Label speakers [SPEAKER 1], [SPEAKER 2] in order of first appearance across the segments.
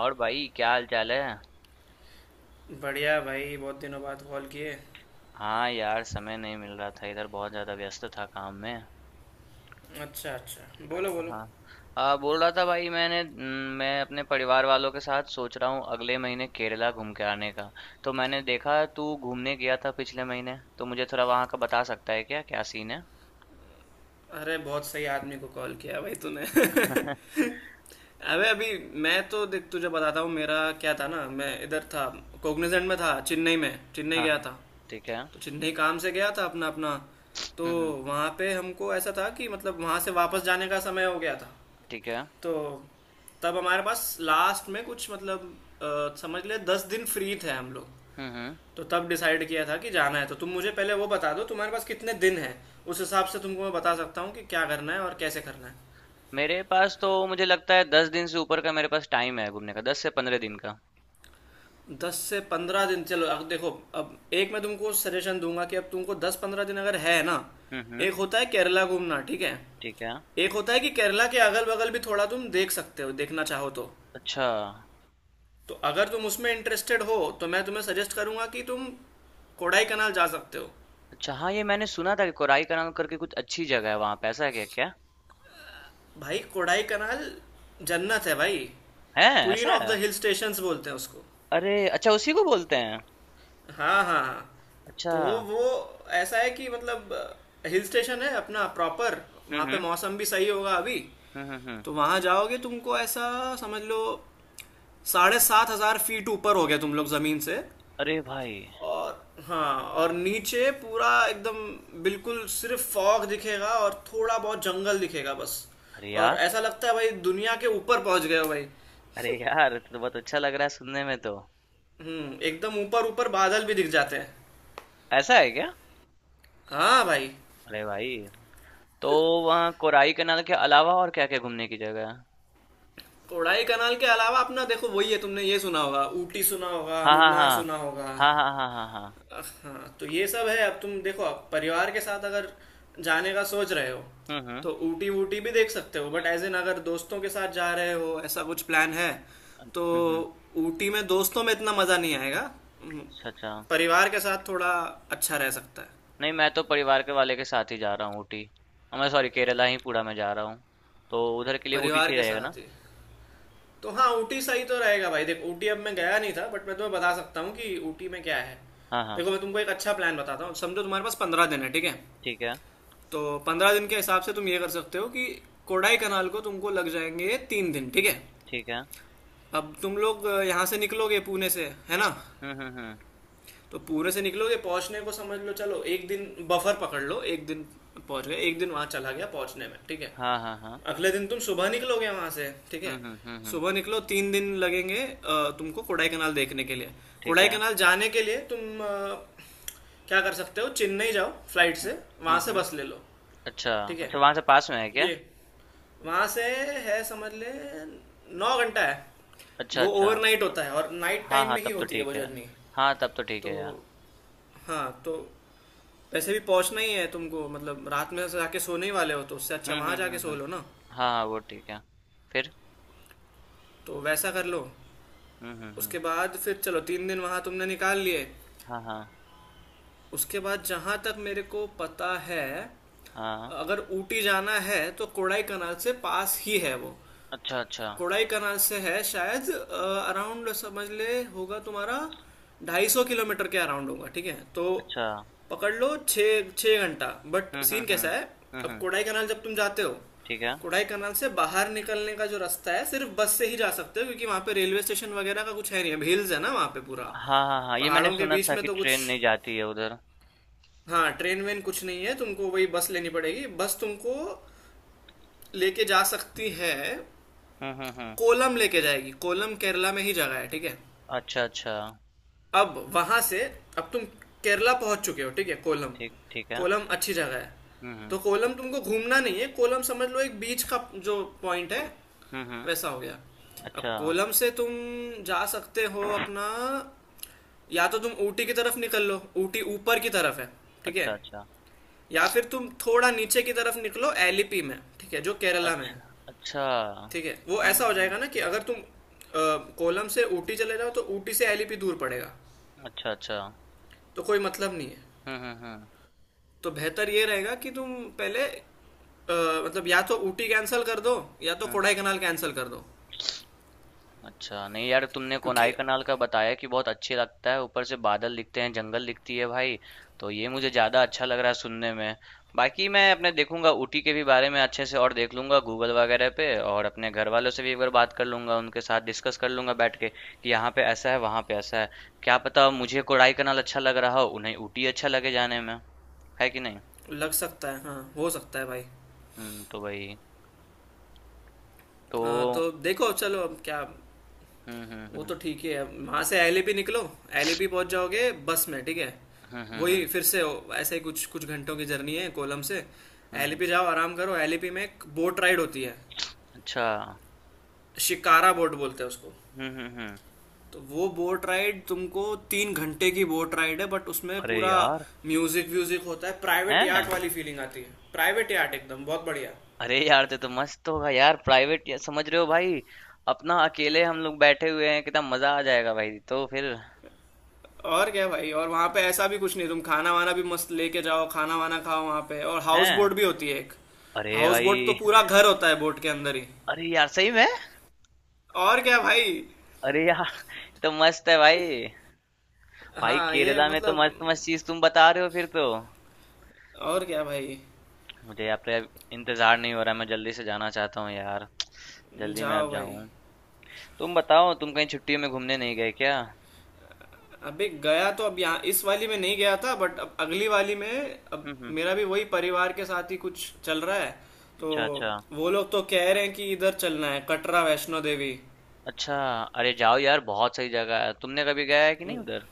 [SPEAKER 1] और भाई क्या हाल चाल है।
[SPEAKER 2] बढ़िया भाई, बहुत दिनों बाद कॉल किए।
[SPEAKER 1] हाँ यार, समय नहीं मिल रहा था, इधर बहुत ज़्यादा व्यस्त था काम में।
[SPEAKER 2] अच्छा अच्छा, बोलो बोलो।
[SPEAKER 1] हाँ, हाँ बोल रहा था भाई, मैंने मैं अपने परिवार वालों के साथ सोच रहा हूँ अगले महीने केरला घूम के आने का। तो मैंने देखा तू घूमने गया था पिछले महीने, तो मुझे थोड़ा वहाँ का बता सकता है क्या क्या सीन है।
[SPEAKER 2] अरे बहुत सही आदमी को कॉल किया भाई तूने अबे अभी मैं तो देख तुझे बताता हूँ। मेरा क्या था ना, मैं इधर था, कोग्निजेंट में था चेन्नई में। चेन्नई
[SPEAKER 1] हाँ
[SPEAKER 2] गया
[SPEAKER 1] हाँ।
[SPEAKER 2] था,
[SPEAKER 1] ठीक है। हम्म।
[SPEAKER 2] तो चेन्नई काम से गया था अपना अपना। तो
[SPEAKER 1] हम्म।
[SPEAKER 2] वहाँ पे हमको ऐसा था कि मतलब वहाँ से वापस जाने का समय हो गया था।
[SPEAKER 1] ठीक है।
[SPEAKER 2] तो तब हमारे पास लास्ट में कुछ मतलब समझ ले 10 दिन फ्री थे हम लोग।
[SPEAKER 1] हम्म।
[SPEAKER 2] तो तब डिसाइड किया था कि जाना है तो तुम मुझे पहले वो बता दो तुम्हारे पास कितने दिन हैं। उस हिसाब से तुमको मैं बता सकता हूँ कि क्या करना है और कैसे करना है।
[SPEAKER 1] मेरे पास तो मुझे लगता है 10 दिन से ऊपर का मेरे पास टाइम है घूमने का, 10 से 15 दिन का।
[SPEAKER 2] 10 से 15 दिन, चलो अब देखो। अब एक मैं तुमको सजेशन दूंगा कि अब तुमको 10 15 दिन अगर है ना,
[SPEAKER 1] हम्म।
[SPEAKER 2] एक होता है केरला घूमना, ठीक है।
[SPEAKER 1] ठीक है।
[SPEAKER 2] एक होता है कि केरला के अगल बगल भी थोड़ा तुम देख सकते हो, देखना चाहो तो।
[SPEAKER 1] अच्छा
[SPEAKER 2] तो अगर तुम उसमें इंटरेस्टेड हो तो मैं तुम्हें सजेस्ट करूंगा कि तुम कोडाई कनाल जा सकते हो।
[SPEAKER 1] अच्छा। हाँ, ये मैंने सुना था कि कोराई कनाल करके कुछ अच्छी जगह है वहां पे, ऐसा है क्या क्या।
[SPEAKER 2] भाई कोडाई कनाल जन्नत है भाई।
[SPEAKER 1] है
[SPEAKER 2] क्वीन
[SPEAKER 1] ऐसा
[SPEAKER 2] ऑफ
[SPEAKER 1] है?
[SPEAKER 2] द हिल स्टेशंस बोलते हैं उसको।
[SPEAKER 1] अरे अच्छा, उसी को बोलते हैं।
[SPEAKER 2] हाँ हाँ हाँ।
[SPEAKER 1] अच्छा।
[SPEAKER 2] तो वो ऐसा है कि मतलब हिल स्टेशन है अपना प्रॉपर। वहाँ
[SPEAKER 1] हम्म
[SPEAKER 2] पे
[SPEAKER 1] हम्म
[SPEAKER 2] मौसम भी सही होगा अभी।
[SPEAKER 1] हम्म हम्म हम्म।
[SPEAKER 2] तो वहाँ जाओगे तुमको ऐसा समझ लो, 7,500 फीट ऊपर हो गया तुम लोग ज़मीन से।
[SPEAKER 1] अरे भाई।
[SPEAKER 2] और हाँ, और नीचे पूरा एकदम बिल्कुल सिर्फ फॉग दिखेगा और थोड़ा बहुत जंगल दिखेगा बस।
[SPEAKER 1] अरे
[SPEAKER 2] और
[SPEAKER 1] यार।
[SPEAKER 2] ऐसा लगता है भाई दुनिया के ऊपर पहुंच गए हो भाई।
[SPEAKER 1] अरे यार, तो बहुत अच्छा लग रहा है सुनने में तो।
[SPEAKER 2] हम्म, एकदम ऊपर ऊपर बादल भी दिख जाते हैं।
[SPEAKER 1] ऐसा है क्या?
[SPEAKER 2] हाँ भाई।
[SPEAKER 1] अरे भाई, तो वहाँ कोराई कनाल के अलावा और क्या क्या घूमने की जगह है।
[SPEAKER 2] कोडाई कनाल के अलावा अपना देखो वही है, तुमने ये सुना होगा, ऊटी सुना होगा,
[SPEAKER 1] हाँ
[SPEAKER 2] मुन्नार
[SPEAKER 1] हाँ।
[SPEAKER 2] सुना होगा।
[SPEAKER 1] हाँ हाँ हाँ हाँ हाँ हाँ।
[SPEAKER 2] हाँ तो ये सब है। अब तुम देखो अब परिवार के साथ अगर जाने का सोच रहे हो
[SPEAKER 1] हम्म।
[SPEAKER 2] तो ऊटी वूटी भी देख सकते हो, बट एज इन अगर दोस्तों के साथ जा रहे हो ऐसा कुछ प्लान है तो
[SPEAKER 1] हम्म हम्म।
[SPEAKER 2] ऊटी में दोस्तों में इतना मज़ा नहीं आएगा। हम्म,
[SPEAKER 1] अच्छा अच्छा।
[SPEAKER 2] परिवार के साथ थोड़ा अच्छा रह सकता है।
[SPEAKER 1] नहीं, मैं तो परिवार के वाले के साथ ही जा रहा हूँ ऊटी। हाँ, मैं सॉरी, केरला ही पूरा में जा रहा हूँ। तो उधर के लिए ऊटी
[SPEAKER 2] परिवार
[SPEAKER 1] से ही
[SPEAKER 2] के
[SPEAKER 1] रहेगा ना।
[SPEAKER 2] साथ ही तो हाँ, ऊटी सही तो रहेगा भाई। देख ऊटी अब मैं गया नहीं था बट मैं तुम्हें बता सकता हूँ कि ऊटी में क्या है।
[SPEAKER 1] हाँ हाँ।
[SPEAKER 2] देखो मैं तुमको एक अच्छा प्लान बताता हूँ। समझो तुम्हारे पास 15 दिन है, ठीक है।
[SPEAKER 1] ठीक है,
[SPEAKER 2] तो 15 दिन के हिसाब से तुम ये कर सकते हो कि कोडाई कनाल को तुमको लग जाएंगे 3 दिन, ठीक है।
[SPEAKER 1] ठीक है।
[SPEAKER 2] अब तुम लोग यहाँ से निकलोगे पुणे से है ना।
[SPEAKER 1] हुँ, हुँ, हुँ।
[SPEAKER 2] तो पूरे से निकलोगे, पहुंचने को समझ लो चलो एक दिन बफर पकड़ लो, एक दिन पहुंच गए, एक दिन वहां चला गया पहुंचने में, ठीक है।
[SPEAKER 1] हाँ, हाँ, हाँ।
[SPEAKER 2] अगले दिन तुम सुबह निकलोगे वहां से, ठीक
[SPEAKER 1] हुँ,
[SPEAKER 2] है।
[SPEAKER 1] हुँ, हुँ, हुँ।
[SPEAKER 2] सुबह निकलो, 3 दिन लगेंगे तुमको कोडाई कनाल देखने के लिए।
[SPEAKER 1] ठीक
[SPEAKER 2] कोडाई
[SPEAKER 1] है।
[SPEAKER 2] कनाल जाने के लिए तुम क्या कर सकते हो, चेन्नई जाओ फ्लाइट
[SPEAKER 1] हुँ,
[SPEAKER 2] से,
[SPEAKER 1] हुँ,
[SPEAKER 2] वहां से
[SPEAKER 1] हुँ।
[SPEAKER 2] बस ले लो।
[SPEAKER 1] अच्छा,
[SPEAKER 2] ठीक है,
[SPEAKER 1] अच्छा वहाँ से पास में है क्या?
[SPEAKER 2] ये वहां से है समझ ले 9 घंटा है।
[SPEAKER 1] अच्छा,
[SPEAKER 2] वो
[SPEAKER 1] अच्छा
[SPEAKER 2] ओवरनाइट
[SPEAKER 1] तो
[SPEAKER 2] होता है और नाइट
[SPEAKER 1] हाँ,
[SPEAKER 2] टाइम
[SPEAKER 1] हाँ,
[SPEAKER 2] में ही
[SPEAKER 1] तब तो
[SPEAKER 2] होती है वो
[SPEAKER 1] ठीक है।
[SPEAKER 2] जर्नी।
[SPEAKER 1] हाँ, तब तो ठीक
[SPEAKER 2] तो
[SPEAKER 1] है यार।
[SPEAKER 2] हाँ, तो वैसे भी पहुंचना ही है तुमको, मतलब रात में जाके सोने ही वाले हो तो उससे अच्छा
[SPEAKER 1] हुँ,
[SPEAKER 2] वहां
[SPEAKER 1] हुँ,
[SPEAKER 2] जाके
[SPEAKER 1] हुँ,
[SPEAKER 2] सो
[SPEAKER 1] हुँ।
[SPEAKER 2] लो ना।
[SPEAKER 1] हाँ, हाँ, वो ठीक है। फिर?
[SPEAKER 2] तो वैसा कर लो।
[SPEAKER 1] हुँ, हुँ, हुँ।
[SPEAKER 2] उसके बाद फिर चलो 3 दिन वहां तुमने निकाल लिए।
[SPEAKER 1] हाँ, हाँ,
[SPEAKER 2] उसके बाद जहां तक मेरे को पता है,
[SPEAKER 1] हाँ।
[SPEAKER 2] अगर ऊटी जाना है तो कोडाई कनाल से पास ही है वो।
[SPEAKER 1] अच्छा, अच्छा,
[SPEAKER 2] कोडाई कनाल से है शायद अराउंड समझ ले होगा तुम्हारा 250 किलोमीटर के अराउंड होगा, ठीक है। तो
[SPEAKER 1] अच्छा।
[SPEAKER 2] पकड़ लो छः छः घंटा। बट
[SPEAKER 1] हुँ, हुँ,
[SPEAKER 2] सीन
[SPEAKER 1] हुँ।
[SPEAKER 2] कैसा है,
[SPEAKER 1] हुँ,
[SPEAKER 2] अब
[SPEAKER 1] हुँ।
[SPEAKER 2] कोडाई कनाल जब तुम जाते हो,
[SPEAKER 1] ठीक है।
[SPEAKER 2] कोडाई कनाल से बाहर निकलने का जो रास्ता है सिर्फ बस से ही जा सकते हो क्योंकि वहाँ पे रेलवे स्टेशन वगैरह का कुछ है नहीं। अब हिल्स है ना वहाँ पे पूरा,
[SPEAKER 1] हाँ, हाँ, हाँ, ये मैंने
[SPEAKER 2] पहाड़ों के
[SPEAKER 1] सुना
[SPEAKER 2] बीच
[SPEAKER 1] था
[SPEAKER 2] में
[SPEAKER 1] कि
[SPEAKER 2] तो कुछ।
[SPEAKER 1] ट्रेन नहीं जाती है उधर।
[SPEAKER 2] हाँ ट्रेन वेन कुछ नहीं है, तुमको वही बस लेनी पड़ेगी, बस तुमको लेके जा सकती है,
[SPEAKER 1] हुँ, हुँ, हुँ।
[SPEAKER 2] कोलम लेके जाएगी। कोलम केरला में ही जगह है, ठीक है।
[SPEAKER 1] अच्छा, अच्छा।
[SPEAKER 2] अब वहां से अब तुम केरला पहुंच चुके हो, ठीक है कोलम।
[SPEAKER 1] ठीक ठीक है।
[SPEAKER 2] कोलम अच्छी जगह है।
[SPEAKER 1] हुँ, हुँ।
[SPEAKER 2] तो कोलम तुमको घूमना नहीं है, कोलम समझ लो एक बीच का जो पॉइंट है,
[SPEAKER 1] हुँ, हुँ।
[SPEAKER 2] वैसा हो गया। अब
[SPEAKER 1] अच्छा,
[SPEAKER 2] कोलम से तुम जा सकते हो अपना, या तो तुम ऊटी की तरफ निकल लो, ऊटी ऊपर की तरफ है, ठीक है।
[SPEAKER 1] अच्छा, अच्छा।
[SPEAKER 2] या फिर तुम थोड़ा नीचे की तरफ निकलो एलिपी में, ठीक है, जो केरला में है।
[SPEAKER 1] अच्छा, अच्छा।
[SPEAKER 2] ठीक है, वो
[SPEAKER 1] हुँ,
[SPEAKER 2] ऐसा
[SPEAKER 1] हुँ,
[SPEAKER 2] हो
[SPEAKER 1] हुँ।
[SPEAKER 2] जाएगा ना कि अगर तुम कोलम से ऊटी चले जाओ तो ऊटी से एलिपी दूर पड़ेगा।
[SPEAKER 1] अच्छा, अच्छा।
[SPEAKER 2] तो कोई मतलब नहीं है।
[SPEAKER 1] हुँ, हुँ, हुँ।
[SPEAKER 2] तो बेहतर ये रहेगा कि तुम पहले मतलब या तो ऊटी कैंसिल कर दो, या तो
[SPEAKER 1] हुँ।
[SPEAKER 2] कोडाई कनाल कैंसिल कर दो,
[SPEAKER 1] अच्छा, नहीं यार, तुमने कोनाई
[SPEAKER 2] क्योंकि
[SPEAKER 1] कनाल का बताया कि बहुत अच्छी लगता है, ऊपर से बादल दिखते हैं, जंगल दिखती है भाई, तो ये मुझे ज़्यादा अच्छा लग रहा है सुनने में। बाकी मैं अपने देखूंगा ऊटी के भी बारे में अच्छे से, और देख लूंगा गूगल वगैरह पे, और अपने घर वालों से भी एक बार बात कर लूंगा, उनके साथ डिस्कस कर लूंगा बैठ के, कि यहाँ पे ऐसा है, वहाँ पे ऐसा है। क्या पता मुझे कोनाई कनाल अच्छा लग रहा हो, उन्हें ऊटी अच्छा लगे जाने में, है कि नहीं?
[SPEAKER 2] लग सकता है, हाँ हो सकता है भाई।
[SPEAKER 1] हुँ, तो वही। तो
[SPEAKER 2] तो देखो चलो अब क्या,
[SPEAKER 1] हुँ, हुँ,
[SPEAKER 2] वो
[SPEAKER 1] हुँ।
[SPEAKER 2] तो ठीक ही है, वहाँ से एलिपी निकलो। एलिपी पहुँच जाओगे बस में, ठीक है।
[SPEAKER 1] हुँ, हुँ,
[SPEAKER 2] वही
[SPEAKER 1] हुँ।
[SPEAKER 2] फिर से ऐसे ही कुछ कुछ घंटों की जर्नी है कोलम से।
[SPEAKER 1] हुँ,
[SPEAKER 2] एलिपी
[SPEAKER 1] हुँ।
[SPEAKER 2] जाओ आराम करो, एलिपी में एक बोट राइड होती है,
[SPEAKER 1] अच्छा।
[SPEAKER 2] शिकारा बोट बोलते हैं उसको।
[SPEAKER 1] हुँ, हुँ, हुँ।
[SPEAKER 2] तो वो बोट राइड तुमको 3 घंटे की बोट राइड है, बट उसमें
[SPEAKER 1] अरे
[SPEAKER 2] पूरा
[SPEAKER 1] यार!
[SPEAKER 2] म्यूजिक व्यूजिक होता है, प्राइवेट
[SPEAKER 1] हैं?
[SPEAKER 2] यार्ट वाली फीलिंग आती है, प्राइवेट यार्ट एकदम, बहुत बढ़िया
[SPEAKER 1] अरे यार! ये तो मस्त होगा यार, प्राइवेट या, समझ रहे हो भाई, अपना अकेले हम लोग बैठे हुए हैं, कितना मजा आ जाएगा भाई, तो फिर।
[SPEAKER 2] और क्या भाई। और वहाँ पे ऐसा भी कुछ नहीं, तुम खाना वाना भी मस्त लेके जाओ, खाना वाना खाओ वहाँ पे। और हाउस
[SPEAKER 1] हैं?
[SPEAKER 2] बोट भी होती है एक।
[SPEAKER 1] अरे
[SPEAKER 2] हाउस बोट तो
[SPEAKER 1] भाई!
[SPEAKER 2] पूरा घर होता है बोट के अंदर ही,
[SPEAKER 1] अरे यार सही में?
[SPEAKER 2] और क्या भाई।
[SPEAKER 1] अरे यार! ये तो मस्त है भाई। भाई
[SPEAKER 2] हाँ ये
[SPEAKER 1] केरला में तो
[SPEAKER 2] मतलब,
[SPEAKER 1] मस्त-मस्त चीज़ तुम बता रहे हो फिर तो।
[SPEAKER 2] और क्या भाई।
[SPEAKER 1] मुझे यहाँ पे इंतज़ार नहीं हो रहा, मैं जल्दी से जाना चाहता हूँ यार। जल्दी मैं
[SPEAKER 2] जाओ
[SPEAKER 1] अब
[SPEAKER 2] भाई।
[SPEAKER 1] जाऊँ। तुम बताओ, तुम कहीं छुट्टियों में घूमने नहीं गए क्या?
[SPEAKER 2] अबे गया तो, अब यहाँ इस वाली में नहीं गया था बट अब अगली वाली में अब
[SPEAKER 1] हुँ, हुँ।
[SPEAKER 2] मेरा भी वही परिवार के साथ ही कुछ चल रहा है। तो
[SPEAKER 1] अच्छा, अच्छा।
[SPEAKER 2] वो लोग तो कह रहे हैं कि इधर चलना है कटरा वैष्णो देवी।
[SPEAKER 1] अच्छा, अरे जाओ यार, बहुत सही जगह है। तुमने कभी गया है कि नहीं उधर?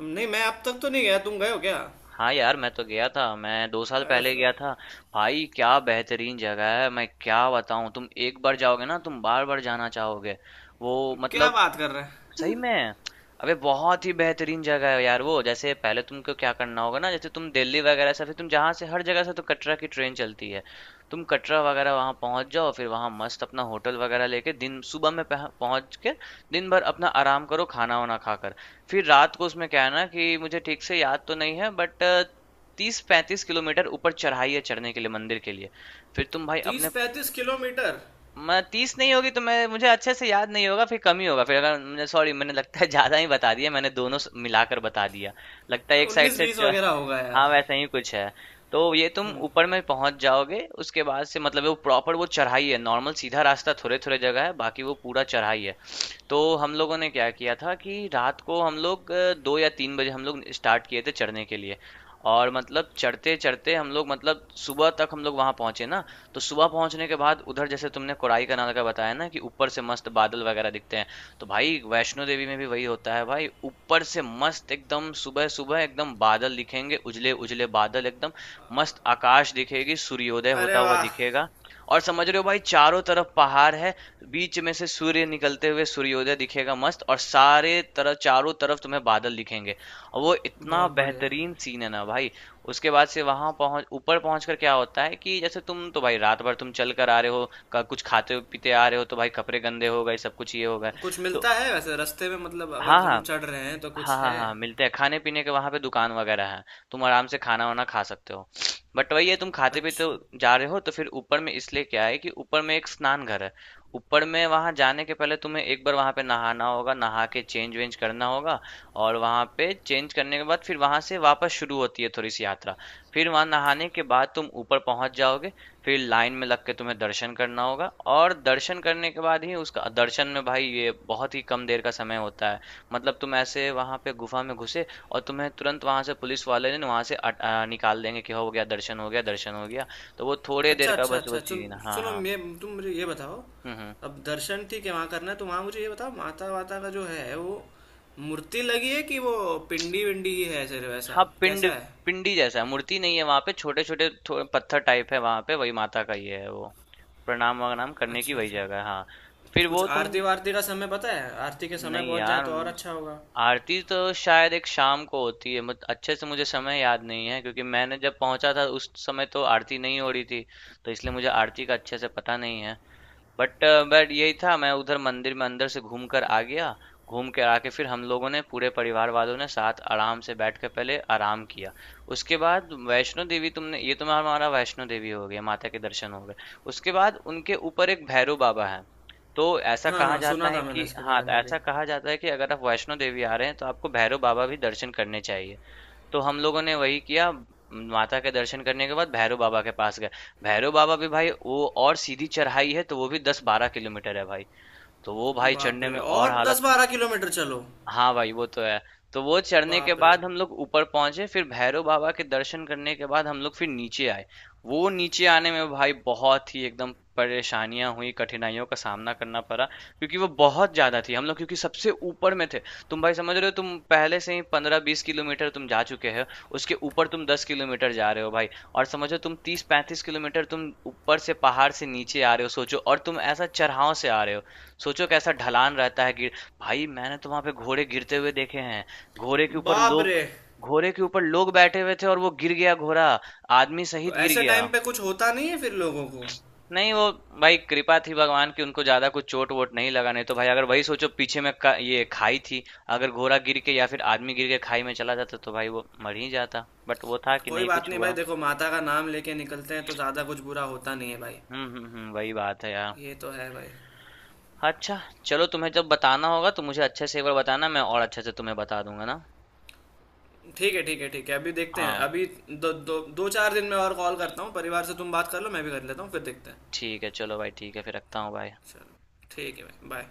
[SPEAKER 2] नहीं मैं अब तक तो नहीं गया, तुम गए हो क्या।
[SPEAKER 1] हाँ यार, मैं तो गया था, मैं 2 साल
[SPEAKER 2] अ,
[SPEAKER 1] पहले गया था। भाई क्या बेहतरीन जगह है, मैं क्या बताऊँ, तुम एक बार जाओगे ना तुम बार बार जाना चाहोगे। वो
[SPEAKER 2] क्या
[SPEAKER 1] मतलब।
[SPEAKER 2] बात कर रहे हैं?
[SPEAKER 1] सही में? अबे बहुत ही बेहतरीन जगह है यार वो। जैसे पहले तुमको क्या करना होगा ना, जैसे तुम दिल्ली वगैरह से, फिर तुम जहाँ से हर जगह से तो कटरा की ट्रेन चलती है। तुम कटरा वगैरह वहाँ पहुँच जाओ, फिर वहाँ मस्त अपना होटल वगैरह लेके दिन सुबह में पहुँच के दिन भर अपना आराम करो, खाना वाना खाकर। फिर रात को उसमें क्या है ना कि मुझे ठीक से याद तो नहीं है, बट 30-35 किलोमीटर ऊपर चढ़ाई है चढ़ने के लिए मंदिर के लिए। फिर तुम भाई
[SPEAKER 2] तीस
[SPEAKER 1] अपने,
[SPEAKER 2] पैंतीस किलोमीटर
[SPEAKER 1] मैं 30 नहीं होगी तो, मैं मुझे अच्छे से याद नहीं होगा, फिर कम ही होगा। फिर अगर मुझे सॉरी, मैंने लगता है ज्यादा ही बता दिया, मैंने दोनों मिलाकर बता दिया लगता है, एक साइड
[SPEAKER 2] उन्नीस
[SPEAKER 1] से
[SPEAKER 2] बीस वगैरह होगा यार।
[SPEAKER 1] हाँ वैसा ही कुछ है। तो ये तुम ऊपर में पहुंच जाओगे, उसके बाद से मतलब वो प्रॉपर वो चढ़ाई है, नॉर्मल सीधा रास्ता थोड़े थोड़े जगह है, बाकी वो पूरा चढ़ाई है। तो हम लोगों ने क्या किया था कि रात को हम लोग 2 या 3 बजे हम लोग स्टार्ट किए थे चढ़ने के लिए। और मतलब चढ़ते चढ़ते हम लोग, मतलब सुबह तक हम लोग वहां पहुंचे ना। तो सुबह पहुंचने के बाद उधर जैसे तुमने कोराई कनाल का बताया ना कि ऊपर से मस्त बादल वगैरह दिखते हैं, तो भाई वैष्णो देवी में भी वही होता है भाई। ऊपर से मस्त एकदम सुबह सुबह एकदम बादल दिखेंगे, उजले उजले बादल एकदम मस्त, आकाश दिखेगी, सूर्योदय होता
[SPEAKER 2] अरे
[SPEAKER 1] हुआ
[SPEAKER 2] वाह,
[SPEAKER 1] दिखेगा। और समझ रहे हो भाई चारों तरफ पहाड़ है, तो बीच में से सूर्य निकलते हुए सूर्योदय दिखेगा मस्त, और सारे तरफ चारों तरफ तुम्हें बादल दिखेंगे, और वो इतना
[SPEAKER 2] बहुत बढ़िया।
[SPEAKER 1] बेहतरीन सीन है ना भाई। उसके बाद से वहां पहुंच ऊपर पहुंच कर क्या होता है कि जैसे तुम तो भाई रात भर तुम चल कर आ रहे हो, कुछ खाते पीते आ रहे हो, तो भाई कपड़े गंदे हो गए, सब कुछ ये हो गए।
[SPEAKER 2] कुछ
[SPEAKER 1] तो
[SPEAKER 2] मिलता है वैसे रास्ते में, मतलब
[SPEAKER 1] हाँ
[SPEAKER 2] अगर
[SPEAKER 1] हाँ।
[SPEAKER 2] हम चढ़ रहे हैं तो
[SPEAKER 1] हाँ,
[SPEAKER 2] कुछ
[SPEAKER 1] हाँ,
[SPEAKER 2] है?
[SPEAKER 1] हाँ, मिलते हैं खाने-पीने के, वहाँ पे दुकान वगैरह है, तुम आराम से खाना-वाना खा सकते हो। बट वही है, तुम खाते-पीते
[SPEAKER 2] अच्छा
[SPEAKER 1] जा रहे हो, तो फिर ऊपर में इसलिए क्या है कि ऊपर में एक स्नान घर है। ऊपर में वहाँ जाने के पहले तुम्हें एक बार वहाँ पे नहाना होगा, नहा के चेंज वेंज करना होगा। और वहाँ पे चेंज करने के बाद फिर वहाँ से वापस शुरू होती है थोड़ी सी यात्रा। फिर वहाँ नहाने के बाद तुम ऊपर पहुँच जाओगे, फिर लाइन में लग के तुम्हें दर्शन करना होगा। और दर्शन करने के बाद ही, उसका दर्शन में भाई ये बहुत ही कम देर का समय होता है। मतलब तुम ऐसे वहां पे गुफा में घुसे, और तुम्हें तुरंत वहां से पुलिस वाले ने वहां से निकाल देंगे कि हो गया दर्शन, हो गया दर्शन, हो गया। तो वो थोड़े देर
[SPEAKER 2] अच्छा
[SPEAKER 1] का
[SPEAKER 2] अच्छा।
[SPEAKER 1] बस वो
[SPEAKER 2] अच्छा सुन,
[SPEAKER 1] चीज। हाँ
[SPEAKER 2] सुनो,
[SPEAKER 1] हाँ।
[SPEAKER 2] मैं तुम मुझे ये बताओ,
[SPEAKER 1] हम्म।
[SPEAKER 2] अब दर्शन ठीक है वहाँ करना है तो वहाँ मुझे ये बताओ माता वाता का जो है वो मूर्ति लगी है कि वो पिंडी विंडी ही है सिर्फ,
[SPEAKER 1] हाँ,
[SPEAKER 2] ऐसा
[SPEAKER 1] पिंड,
[SPEAKER 2] कैसा है?
[SPEAKER 1] पिंडी जैसा है, मूर्ति नहीं है वहां पे, छोटे छोटे थोड़े पत्थर टाइप है वहां पे, वही माता का ही है वो, प्रणाम वनाम करने की
[SPEAKER 2] अच्छा
[SPEAKER 1] वही
[SPEAKER 2] अच्छा।
[SPEAKER 1] जगह है हाँ। फिर
[SPEAKER 2] कुछ
[SPEAKER 1] वो तुम।
[SPEAKER 2] आरती वारती का समय पता है, आरती के समय
[SPEAKER 1] नहीं
[SPEAKER 2] पहुँच जाए
[SPEAKER 1] यार,
[SPEAKER 2] तो और अच्छा होगा।
[SPEAKER 1] आरती तो शायद एक शाम को होती है, मत अच्छे से मुझे समय याद नहीं है, क्योंकि मैंने जब पहुंचा था उस समय तो आरती नहीं हो रही थी, तो इसलिए मुझे आरती का अच्छे से पता नहीं है। बट बट यही था, मैं उधर मंदिर में अंदर से घूम कर आ गया, घूम के आके फिर हम लोगों ने पूरे परिवार वालों ने साथ आराम से बैठ के पहले आराम किया। उसके बाद वैष्णो देवी, तुमने ये, तुम्हारा हमारा वैष्णो देवी हो गया, माता के दर्शन हो गए। उसके बाद उनके ऊपर एक भैरव बाबा है, तो ऐसा
[SPEAKER 2] हाँ
[SPEAKER 1] कहा
[SPEAKER 2] हाँ
[SPEAKER 1] जाता
[SPEAKER 2] सुना
[SPEAKER 1] है
[SPEAKER 2] था
[SPEAKER 1] कि,
[SPEAKER 2] मैंने इसके
[SPEAKER 1] हाँ,
[SPEAKER 2] बारे में भी।
[SPEAKER 1] ऐसा कहा जाता है कि अगर आप वैष्णो देवी आ रहे हैं तो आपको भैरव बाबा भी दर्शन करने चाहिए। तो हम लोगों ने वही किया, माता के दर्शन करने के बाद भैरव बाबा के पास गए। भैरव बाबा भी भाई वो और सीधी चढ़ाई है, तो वो भी 10-12 किलोमीटर है भाई, तो वो भाई
[SPEAKER 2] बाप
[SPEAKER 1] चढ़ने
[SPEAKER 2] रे,
[SPEAKER 1] में और
[SPEAKER 2] और दस
[SPEAKER 1] हालत।
[SPEAKER 2] बारह किलोमीटर चलो।
[SPEAKER 1] हाँ भाई वो तो है। तो वो चढ़ने के
[SPEAKER 2] बाप रे।
[SPEAKER 1] बाद हम लोग ऊपर पहुंचे, फिर भैरव बाबा के दर्शन करने के बाद हम लोग फिर नीचे आए। वो नीचे आने में भाई बहुत ही एकदम परेशानियां हुई, कठिनाइयों का सामना करना पड़ा, क्योंकि वो बहुत ज्यादा थी, हम लोग क्योंकि सबसे ऊपर में थे। तुम भाई समझ रहे हो, तुम पहले से ही 15-20 किलोमीटर तुम जा चुके हो, उसके ऊपर तुम 10 किलोमीटर जा रहे हो भाई, और समझो तुम 30-35 किलोमीटर तुम ऊपर से पहाड़ से नीचे आ रहे हो, सोचो, और तुम ऐसा चढ़ाव से आ रहे हो, सोचो कैसा ढलान रहता है। गिर, भाई मैंने तो वहां पे घोड़े गिरते हुए देखे हैं, घोड़े के ऊपर
[SPEAKER 2] बाप
[SPEAKER 1] लोग,
[SPEAKER 2] रे,
[SPEAKER 1] घोड़े के ऊपर लोग बैठे हुए थे और वो गिर गया घोड़ा, आदमी सहित
[SPEAKER 2] तो
[SPEAKER 1] गिर
[SPEAKER 2] ऐसे
[SPEAKER 1] गया।
[SPEAKER 2] टाइम पे कुछ होता नहीं है फिर लोगों को?
[SPEAKER 1] नहीं वो, भाई कृपा थी भगवान की, उनको ज्यादा कुछ चोट वोट नहीं लगा, नहीं तो भाई अगर वही सोचो पीछे में का, ये खाई थी, अगर घोड़ा गिर के या फिर आदमी गिर के खाई में चला जाता तो भाई वो मर ही जाता। बट वो था कि
[SPEAKER 2] कोई
[SPEAKER 1] नहीं
[SPEAKER 2] बात
[SPEAKER 1] कुछ
[SPEAKER 2] नहीं भाई,
[SPEAKER 1] हुआ।
[SPEAKER 2] देखो माता का नाम लेके निकलते हैं तो ज़्यादा कुछ बुरा होता नहीं है भाई।
[SPEAKER 1] हम्म, वही बात है यार।
[SPEAKER 2] ये तो है भाई।
[SPEAKER 1] अच्छा। चलो, तुम्हें जब बताना होगा तो मुझे अच्छे से एक बार बताना, मैं और अच्छे से तुम्हें बता दूंगा ना।
[SPEAKER 2] ठीक है ठीक है ठीक है, अभी देखते हैं,
[SPEAKER 1] हाँ
[SPEAKER 2] अभी दो दो दो चार दिन में और कॉल करता हूँ, परिवार से तुम बात कर लो, मैं भी कर लेता हूँ, फिर देखते हैं।
[SPEAKER 1] ठीक है, चलो भाई, ठीक है, फिर रखता हूँ भाई।
[SPEAKER 2] चलो ठीक है भाई, बाय।